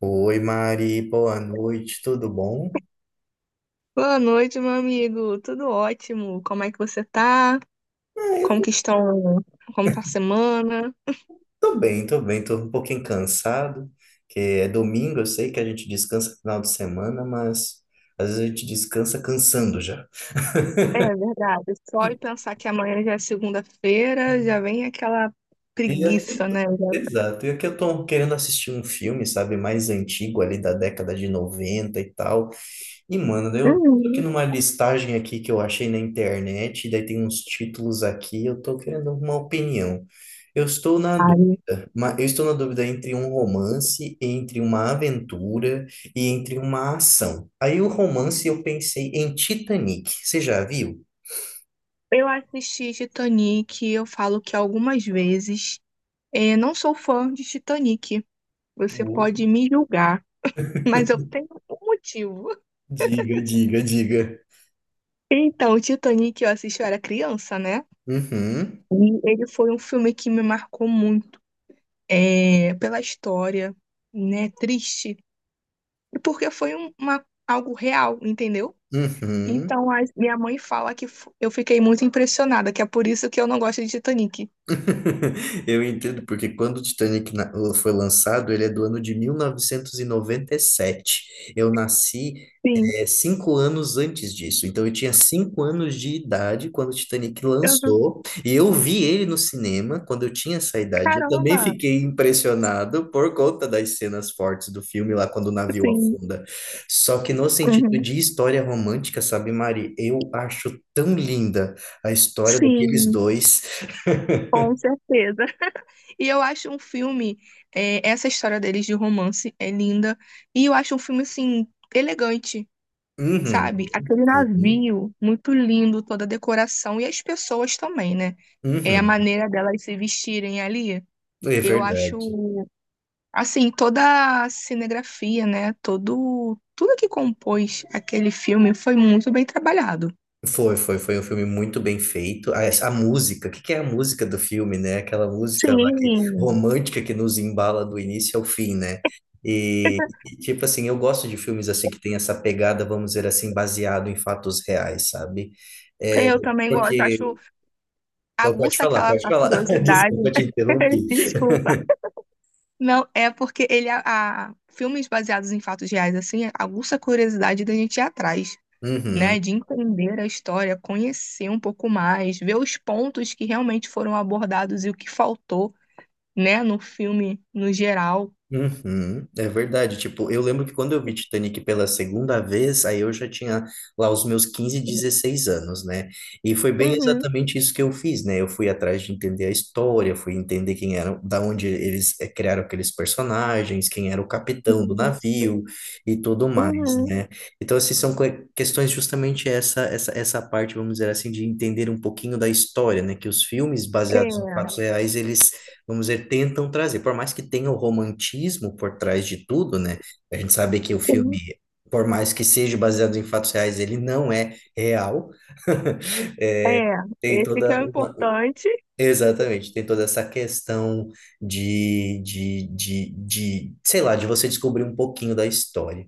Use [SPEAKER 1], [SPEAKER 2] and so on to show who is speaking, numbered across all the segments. [SPEAKER 1] Oi, Mari, boa noite, tudo bom?
[SPEAKER 2] Boa noite, meu amigo. Tudo ótimo. Como é que você tá?
[SPEAKER 1] Ah, eu
[SPEAKER 2] Como
[SPEAKER 1] tô,
[SPEAKER 2] que estão? Como tá a semana?
[SPEAKER 1] tô bem, tô um pouquinho cansado, que é domingo, eu sei que a gente descansa no final de semana, mas às vezes a gente descansa cansando já.
[SPEAKER 2] É verdade. Só de pensar que amanhã já é segunda-feira, já vem aquela
[SPEAKER 1] E aqui eu
[SPEAKER 2] preguiça,
[SPEAKER 1] tô-
[SPEAKER 2] né?
[SPEAKER 1] Exato, e aqui eu tô querendo assistir um filme, sabe, mais antigo ali da década de 90 e tal. E, mano, eu tô aqui
[SPEAKER 2] Uhum,
[SPEAKER 1] numa listagem aqui que eu achei na internet, daí tem uns títulos aqui, eu tô querendo uma opinião. Eu estou na
[SPEAKER 2] claro.
[SPEAKER 1] dúvida, entre um romance, entre uma aventura e entre uma ação. Aí o romance eu pensei em Titanic, você já viu?
[SPEAKER 2] Eu assisti Titanic, eu falo que algumas vezes não sou fã de Titanic. Você
[SPEAKER 1] Oh.
[SPEAKER 2] pode me julgar, mas eu tenho um motivo.
[SPEAKER 1] Diga, diga, diga.
[SPEAKER 2] Então, o Titanic eu assisti, eu era criança, né?
[SPEAKER 1] Uhum,
[SPEAKER 2] E ele foi um filme que me marcou muito pela história, né? Triste. E porque foi algo real, entendeu?
[SPEAKER 1] uhum.
[SPEAKER 2] Então, a minha mãe fala que eu fiquei muito impressionada, que é por isso que eu não gosto de Titanic.
[SPEAKER 1] Eu entendo, porque quando o foi lançado, ele é do ano de mil novecentos e noventa e sete. Eu nasci,
[SPEAKER 2] Sim,
[SPEAKER 1] 5 anos antes disso. Então, eu tinha 5 anos de idade quando o Titanic
[SPEAKER 2] eu, não-
[SPEAKER 1] lançou. E eu vi ele no cinema quando eu tinha essa idade. Eu também
[SPEAKER 2] caramba,
[SPEAKER 1] fiquei impressionado por conta das cenas fortes do filme lá quando o navio
[SPEAKER 2] sim,
[SPEAKER 1] afunda. Só que no sentido
[SPEAKER 2] uhum,
[SPEAKER 1] de história romântica, sabe, Mari? Eu acho tão linda a história daqueles
[SPEAKER 2] sim,
[SPEAKER 1] dois.
[SPEAKER 2] com certeza. E eu acho um filme, essa história deles de romance é linda, e eu acho um filme, assim, elegante.
[SPEAKER 1] Uhum,
[SPEAKER 2] Sabe? Aquele
[SPEAKER 1] sim.
[SPEAKER 2] navio muito lindo, toda a decoração e as pessoas também, né? É a
[SPEAKER 1] Uhum.
[SPEAKER 2] maneira delas se vestirem ali.
[SPEAKER 1] É
[SPEAKER 2] Eu
[SPEAKER 1] verdade.
[SPEAKER 2] acho, assim, toda a cinegrafia, né? Todo, tudo que compôs aquele filme foi muito bem trabalhado.
[SPEAKER 1] Foi um filme muito bem feito. A música, o que que é a música do filme, né? Aquela música lá que,
[SPEAKER 2] Sim.
[SPEAKER 1] romântica, que nos embala do início ao fim, né? Tipo assim, eu gosto de filmes assim que tem essa pegada, vamos dizer assim, baseado em fatos reais, sabe? É,
[SPEAKER 2] Eu também gosto,
[SPEAKER 1] porque.
[SPEAKER 2] acho
[SPEAKER 1] Pode
[SPEAKER 2] aguça
[SPEAKER 1] falar,
[SPEAKER 2] aquela
[SPEAKER 1] pode
[SPEAKER 2] a
[SPEAKER 1] falar.
[SPEAKER 2] curiosidade,
[SPEAKER 1] Desculpa,
[SPEAKER 2] né?
[SPEAKER 1] eu te interrompi.
[SPEAKER 2] Desculpa. Não, é porque filmes baseados em fatos reais assim aguça a curiosidade da gente ir atrás, né,
[SPEAKER 1] Uhum.
[SPEAKER 2] de entender a história, conhecer um pouco mais, ver os pontos que realmente foram abordados e o que faltou, né, no filme no geral.
[SPEAKER 1] Uhum, é verdade, tipo, eu lembro que quando eu vi Titanic pela segunda vez, aí eu já tinha lá os meus 15, 16 anos, né? E foi bem
[SPEAKER 2] Uhum.
[SPEAKER 1] exatamente isso que eu fiz, né? Eu fui atrás de entender a história, fui entender quem eram, da onde eles criaram aqueles personagens, quem era o capitão do
[SPEAKER 2] Isso.
[SPEAKER 1] navio e tudo mais,
[SPEAKER 2] Uhum.
[SPEAKER 1] né? Então, assim, são questões justamente essa, essa parte, vamos dizer assim, de entender um pouquinho da história, né? Que os filmes baseados em
[SPEAKER 2] É,
[SPEAKER 1] fatos reais, eles, vamos dizer, tentam trazer. Por mais que tenha o romantismo por trás de tudo, né? A gente sabe que o filme,
[SPEAKER 2] sim.
[SPEAKER 1] por mais que seja baseado em fatos reais, ele não é real.
[SPEAKER 2] É,
[SPEAKER 1] Tem
[SPEAKER 2] esse que é
[SPEAKER 1] toda
[SPEAKER 2] o
[SPEAKER 1] uma...
[SPEAKER 2] importante.
[SPEAKER 1] Exatamente, tem toda essa questão de, sei lá, de você descobrir um pouquinho da história.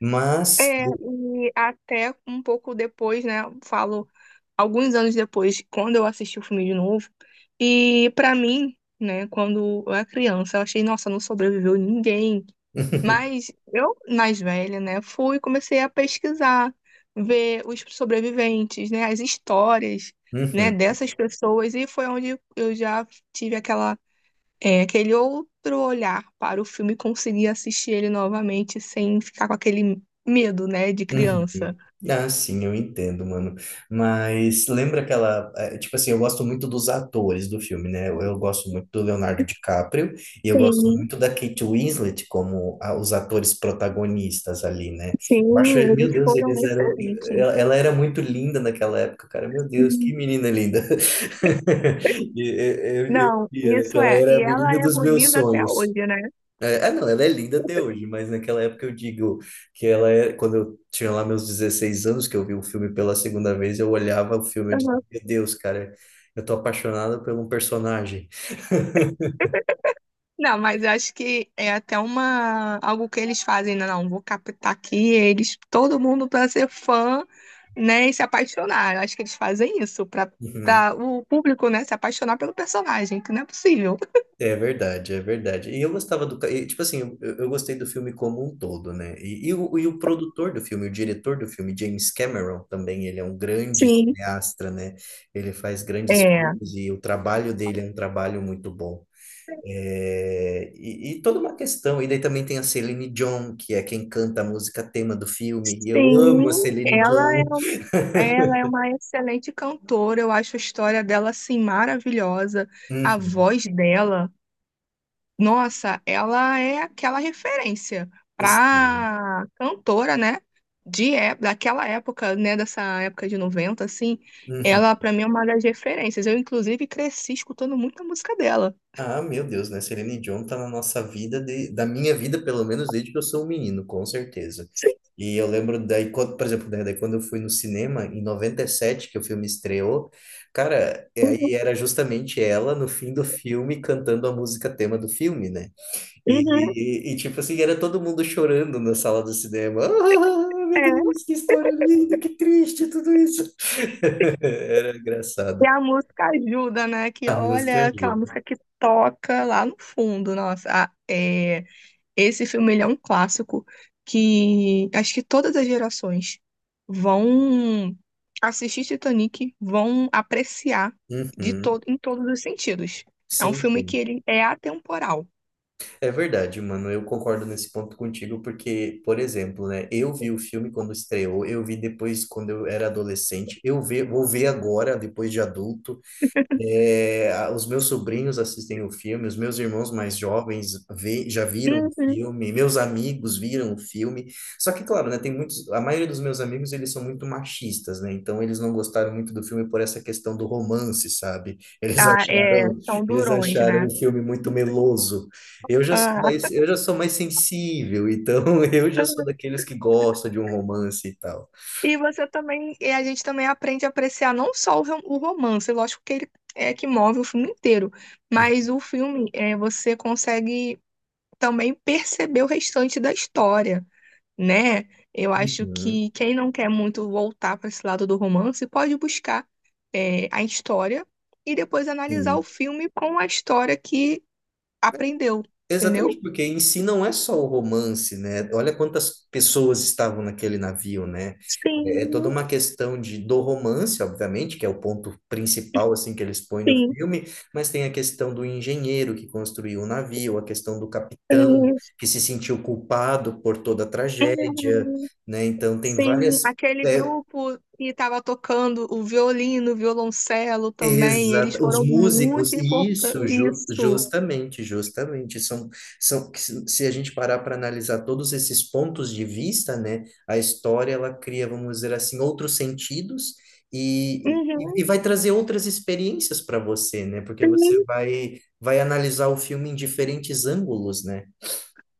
[SPEAKER 1] Mas,
[SPEAKER 2] É, e até um pouco depois, né, falo alguns anos depois, quando eu assisti o filme de novo, e para mim, né, quando eu era criança, eu achei, nossa, não sobreviveu ninguém. Mas eu, mais velha, né, fui e comecei a pesquisar, ver os sobreviventes, né, as histórias, né,
[SPEAKER 1] uhum.
[SPEAKER 2] dessas pessoas, e foi onde eu já tive aquele outro olhar para o filme e consegui assistir ele novamente sem ficar com aquele medo, né, de criança.
[SPEAKER 1] Uhum. Ah, sim, eu entendo, mano. Mas lembra aquela. Tipo assim, eu gosto muito dos atores do filme, né? Eu gosto muito do Leonardo DiCaprio e eu gosto
[SPEAKER 2] Sim,
[SPEAKER 1] muito da Kate Winslet como os atores protagonistas ali, né? Eu acho,
[SPEAKER 2] sim,
[SPEAKER 1] meu
[SPEAKER 2] eles
[SPEAKER 1] Deus,
[SPEAKER 2] foram
[SPEAKER 1] eles eram.
[SPEAKER 2] excelentes.
[SPEAKER 1] Ela era muito linda naquela época, cara. Meu Deus, que
[SPEAKER 2] Sim.
[SPEAKER 1] menina linda. Eu
[SPEAKER 2] Não,
[SPEAKER 1] via, né, que
[SPEAKER 2] isso
[SPEAKER 1] ela
[SPEAKER 2] é.
[SPEAKER 1] era a
[SPEAKER 2] E ela
[SPEAKER 1] menina
[SPEAKER 2] é
[SPEAKER 1] dos meus
[SPEAKER 2] bonita até
[SPEAKER 1] sonhos.
[SPEAKER 2] hoje, né?
[SPEAKER 1] É, ah, não, ela é linda até hoje, mas naquela época eu digo que ela é. Quando eu tinha lá meus 16 anos, que eu vi o filme pela segunda vez, eu olhava o filme e dizia, meu Deus, cara, eu tô apaixonado por um personagem.
[SPEAKER 2] Não, mas eu acho que é até uma algo que eles fazem, né? Não, vou captar aqui eles, todo mundo para ser fã, né, e se apaixonar. Eu acho que eles fazem isso para
[SPEAKER 1] Uhum.
[SPEAKER 2] para o público, né, se apaixonar pelo personagem, que não é possível.
[SPEAKER 1] É verdade, é verdade. E eu gostava do. Ca- e, Tipo assim, eu gostei do filme como um todo, né? E o produtor do filme, o diretor do filme, James Cameron, também, ele é um grande
[SPEAKER 2] Sim,
[SPEAKER 1] cineasta, né? Ele faz grandes
[SPEAKER 2] é.
[SPEAKER 1] filmes e o trabalho dele é um trabalho muito bom. E toda uma questão. E daí também tem a Celine Dion, que é quem canta a música tema do filme. E eu amo a
[SPEAKER 2] Sim,
[SPEAKER 1] Celine Dion.
[SPEAKER 2] ela é uma excelente cantora, eu acho a história dela assim maravilhosa, a
[SPEAKER 1] Uhum,
[SPEAKER 2] voz dela. Nossa, ela é aquela referência
[SPEAKER 1] sim.
[SPEAKER 2] pra cantora, né? De, daquela época, né? Dessa época de 90 assim,
[SPEAKER 1] Uhum.
[SPEAKER 2] ela para mim é uma das referências. Eu, inclusive, cresci escutando muita música dela.
[SPEAKER 1] Ah, meu Deus, né? Celine Dion tá na nossa vida, da minha vida, pelo menos, desde que eu sou um menino, com certeza.
[SPEAKER 2] Sim.
[SPEAKER 1] E eu lembro daí, quando, por exemplo, né, daí quando eu fui no cinema, em 97 que o filme estreou, cara, é,
[SPEAKER 2] Uhum,
[SPEAKER 1] aí era justamente ela, no fim do filme, cantando a música tema do filme, né?
[SPEAKER 2] uhum,
[SPEAKER 1] E, tipo assim, era todo mundo chorando na sala do cinema. Ah, ah, meu
[SPEAKER 2] é.
[SPEAKER 1] Deus, que história linda, que triste tudo isso. Era
[SPEAKER 2] E
[SPEAKER 1] engraçado.
[SPEAKER 2] a música ajuda, né? Que
[SPEAKER 1] A música
[SPEAKER 2] olha
[SPEAKER 1] ajuda.
[SPEAKER 2] aquela música que toca lá no fundo, nossa, esse filme ele é um clássico que acho que todas as gerações vão assistir Titanic, vão apreciar de
[SPEAKER 1] Uhum.
[SPEAKER 2] todo, em todos os sentidos. É um
[SPEAKER 1] Sim,
[SPEAKER 2] filme que
[SPEAKER 1] sim.
[SPEAKER 2] ele é atemporal.
[SPEAKER 1] É verdade, mano. Eu concordo nesse ponto contigo, porque, por exemplo, né? Eu vi o filme quando estreou, eu vi depois quando eu era adolescente, eu vou ver agora, depois de adulto. É, os meus sobrinhos assistem o filme, os meus irmãos mais jovens já viram o
[SPEAKER 2] Uhum.
[SPEAKER 1] filme, meus amigos viram o filme. Só que, claro, né, tem muitos, a maioria dos meus amigos, eles são muito machistas, né? Então eles não gostaram muito do filme por essa questão do romance, sabe? Eles
[SPEAKER 2] Ah, é,
[SPEAKER 1] acharam,
[SPEAKER 2] são
[SPEAKER 1] eles
[SPEAKER 2] durões,
[SPEAKER 1] acharam o
[SPEAKER 2] né?
[SPEAKER 1] filme muito meloso.
[SPEAKER 2] Ah,
[SPEAKER 1] Eu já sou mais sensível, então eu já sou daqueles que gostam de um romance e tal.
[SPEAKER 2] e você também, e a gente também aprende a apreciar não só o romance, lógico que ele é que move o filme inteiro, mas o filme é, você consegue também perceber o restante da história, né? Eu acho
[SPEAKER 1] Uhum,
[SPEAKER 2] que quem não quer muito voltar para esse lado do romance pode buscar a história e depois analisar o
[SPEAKER 1] sim.
[SPEAKER 2] filme com a história que aprendeu, entendeu?
[SPEAKER 1] Exatamente, porque em si não é só o romance, né? Olha quantas pessoas estavam naquele navio, né? É toda
[SPEAKER 2] Sim,
[SPEAKER 1] uma questão de, do romance, obviamente, que é o ponto principal, assim, que eles põem no
[SPEAKER 2] sim.
[SPEAKER 1] filme, mas tem a questão do engenheiro que construiu o navio, a questão do capitão
[SPEAKER 2] Sim,
[SPEAKER 1] que se sentiu culpado por toda a tragédia,
[SPEAKER 2] uhum.
[SPEAKER 1] né? Então, tem
[SPEAKER 2] Sim.
[SPEAKER 1] várias.
[SPEAKER 2] Aquele
[SPEAKER 1] é,
[SPEAKER 2] grupo que estava tocando o violino, o violoncelo também, eles
[SPEAKER 1] Exato, os
[SPEAKER 2] foram muito
[SPEAKER 1] músicos, e isso,
[SPEAKER 2] importantes. Isso.
[SPEAKER 1] justamente, justamente, são, são, que se a gente parar para analisar todos esses pontos de vista, né, a história, ela cria, vamos dizer assim, outros sentidos
[SPEAKER 2] Uhum.
[SPEAKER 1] e vai trazer outras experiências para você, né, porque você vai analisar o filme em diferentes ângulos, né?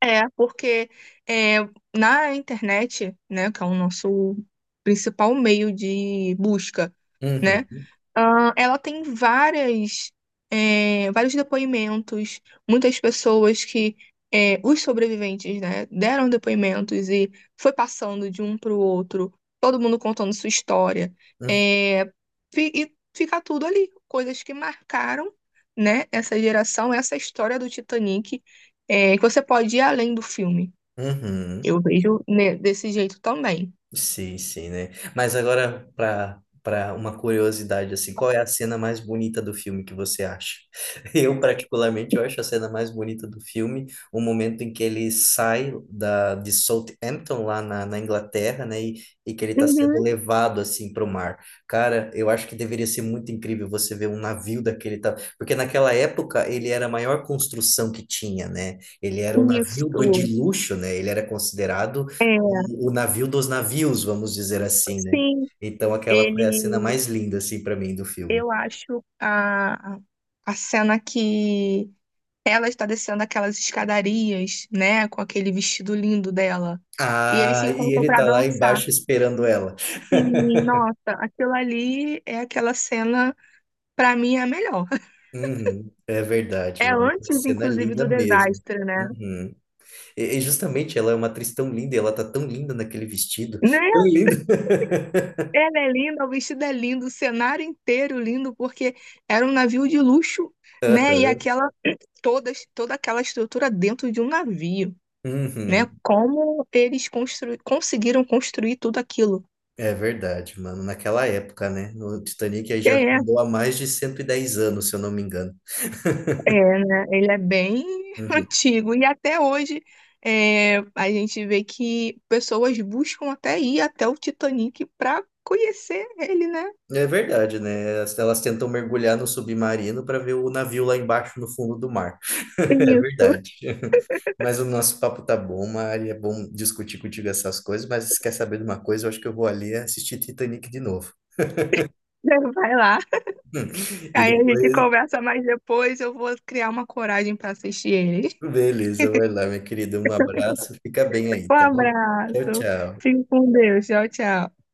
[SPEAKER 2] É, porque é, na internet, né, que é o nosso principal meio de busca,
[SPEAKER 1] Uhum,
[SPEAKER 2] né, ah, ela tem várias, vários depoimentos, muitas pessoas que, os sobreviventes, né, deram depoimentos e foi passando de um para o outro, todo mundo contando sua história,
[SPEAKER 1] uhum,
[SPEAKER 2] é, e fica tudo ali, coisas que marcaram, né, essa geração, essa história do Titanic que você pode ir além do filme.
[SPEAKER 1] uhum.
[SPEAKER 2] Eu vejo né, desse jeito também.
[SPEAKER 1] Sim, sim, né? Mas agora, para uma curiosidade, assim, qual é a cena mais bonita do filme que você acha? Eu, particularmente, eu acho a cena mais bonita do filme o momento em que ele sai de Southampton, na Inglaterra, né? E que ele está sendo
[SPEAKER 2] Uhum,
[SPEAKER 1] levado, assim, para o mar. Cara, eu acho que deveria ser muito incrível você ver um navio daquele... Porque naquela época, ele era a maior construção que tinha, né? Ele era um navio de
[SPEAKER 2] isso.
[SPEAKER 1] luxo, né? Ele era considerado
[SPEAKER 2] É,
[SPEAKER 1] o navio dos navios, vamos dizer assim, né?
[SPEAKER 2] sim,
[SPEAKER 1] Então aquela foi a cena
[SPEAKER 2] ele,
[SPEAKER 1] mais linda, assim, para mim do filme.
[SPEAKER 2] eu acho a cena que ela está descendo aquelas escadarias, né, com aquele vestido lindo dela, e eles se
[SPEAKER 1] Ah, e
[SPEAKER 2] encontram
[SPEAKER 1] ele
[SPEAKER 2] para
[SPEAKER 1] tá lá
[SPEAKER 2] dançar.
[SPEAKER 1] embaixo esperando ela.
[SPEAKER 2] Sim, nossa, aquilo ali é aquela cena, para mim, é a melhor.
[SPEAKER 1] Uhum, é verdade,
[SPEAKER 2] É
[SPEAKER 1] mano. Uma
[SPEAKER 2] antes,
[SPEAKER 1] cena
[SPEAKER 2] inclusive,
[SPEAKER 1] linda
[SPEAKER 2] do
[SPEAKER 1] mesmo.
[SPEAKER 2] desastre, né?
[SPEAKER 1] Uhum. E justamente ela é uma atriz tão linda, e ela tá tão linda naquele vestido. Tão
[SPEAKER 2] Né?
[SPEAKER 1] linda.
[SPEAKER 2] Ela é linda, o vestido é lindo, o cenário inteiro lindo, porque era um navio de luxo, né? E
[SPEAKER 1] Aham.
[SPEAKER 2] toda aquela estrutura dentro de um navio, né?
[SPEAKER 1] Uhum,
[SPEAKER 2] Como eles conseguiram construir tudo aquilo.
[SPEAKER 1] é verdade, mano. Naquela época, né? O Titanic aí já
[SPEAKER 2] É,
[SPEAKER 1] andou há mais de 110 anos, se eu não me engano.
[SPEAKER 2] né? Ele é bem
[SPEAKER 1] Uhum.
[SPEAKER 2] antigo e até hoje a gente vê que pessoas buscam até ir até o Titanic para conhecer ele, né?
[SPEAKER 1] É verdade, né? Elas tentam mergulhar no submarino para ver o navio lá embaixo no fundo do mar. É
[SPEAKER 2] Isso.
[SPEAKER 1] verdade. Mas o nosso papo tá bom, Mari. É bom discutir contigo essas coisas, mas se quer saber de uma coisa, eu acho que eu vou ali assistir Titanic de novo.
[SPEAKER 2] Vai lá.
[SPEAKER 1] E
[SPEAKER 2] Aí a gente
[SPEAKER 1] depois,
[SPEAKER 2] conversa mais depois, eu vou criar uma coragem para assistir ele.
[SPEAKER 1] beleza, vai lá, minha querida. Um abraço, fica bem aí,
[SPEAKER 2] Um
[SPEAKER 1] tá? Tchau,
[SPEAKER 2] abraço.
[SPEAKER 1] tchau.
[SPEAKER 2] Fique com Deus. Tchau, tchau.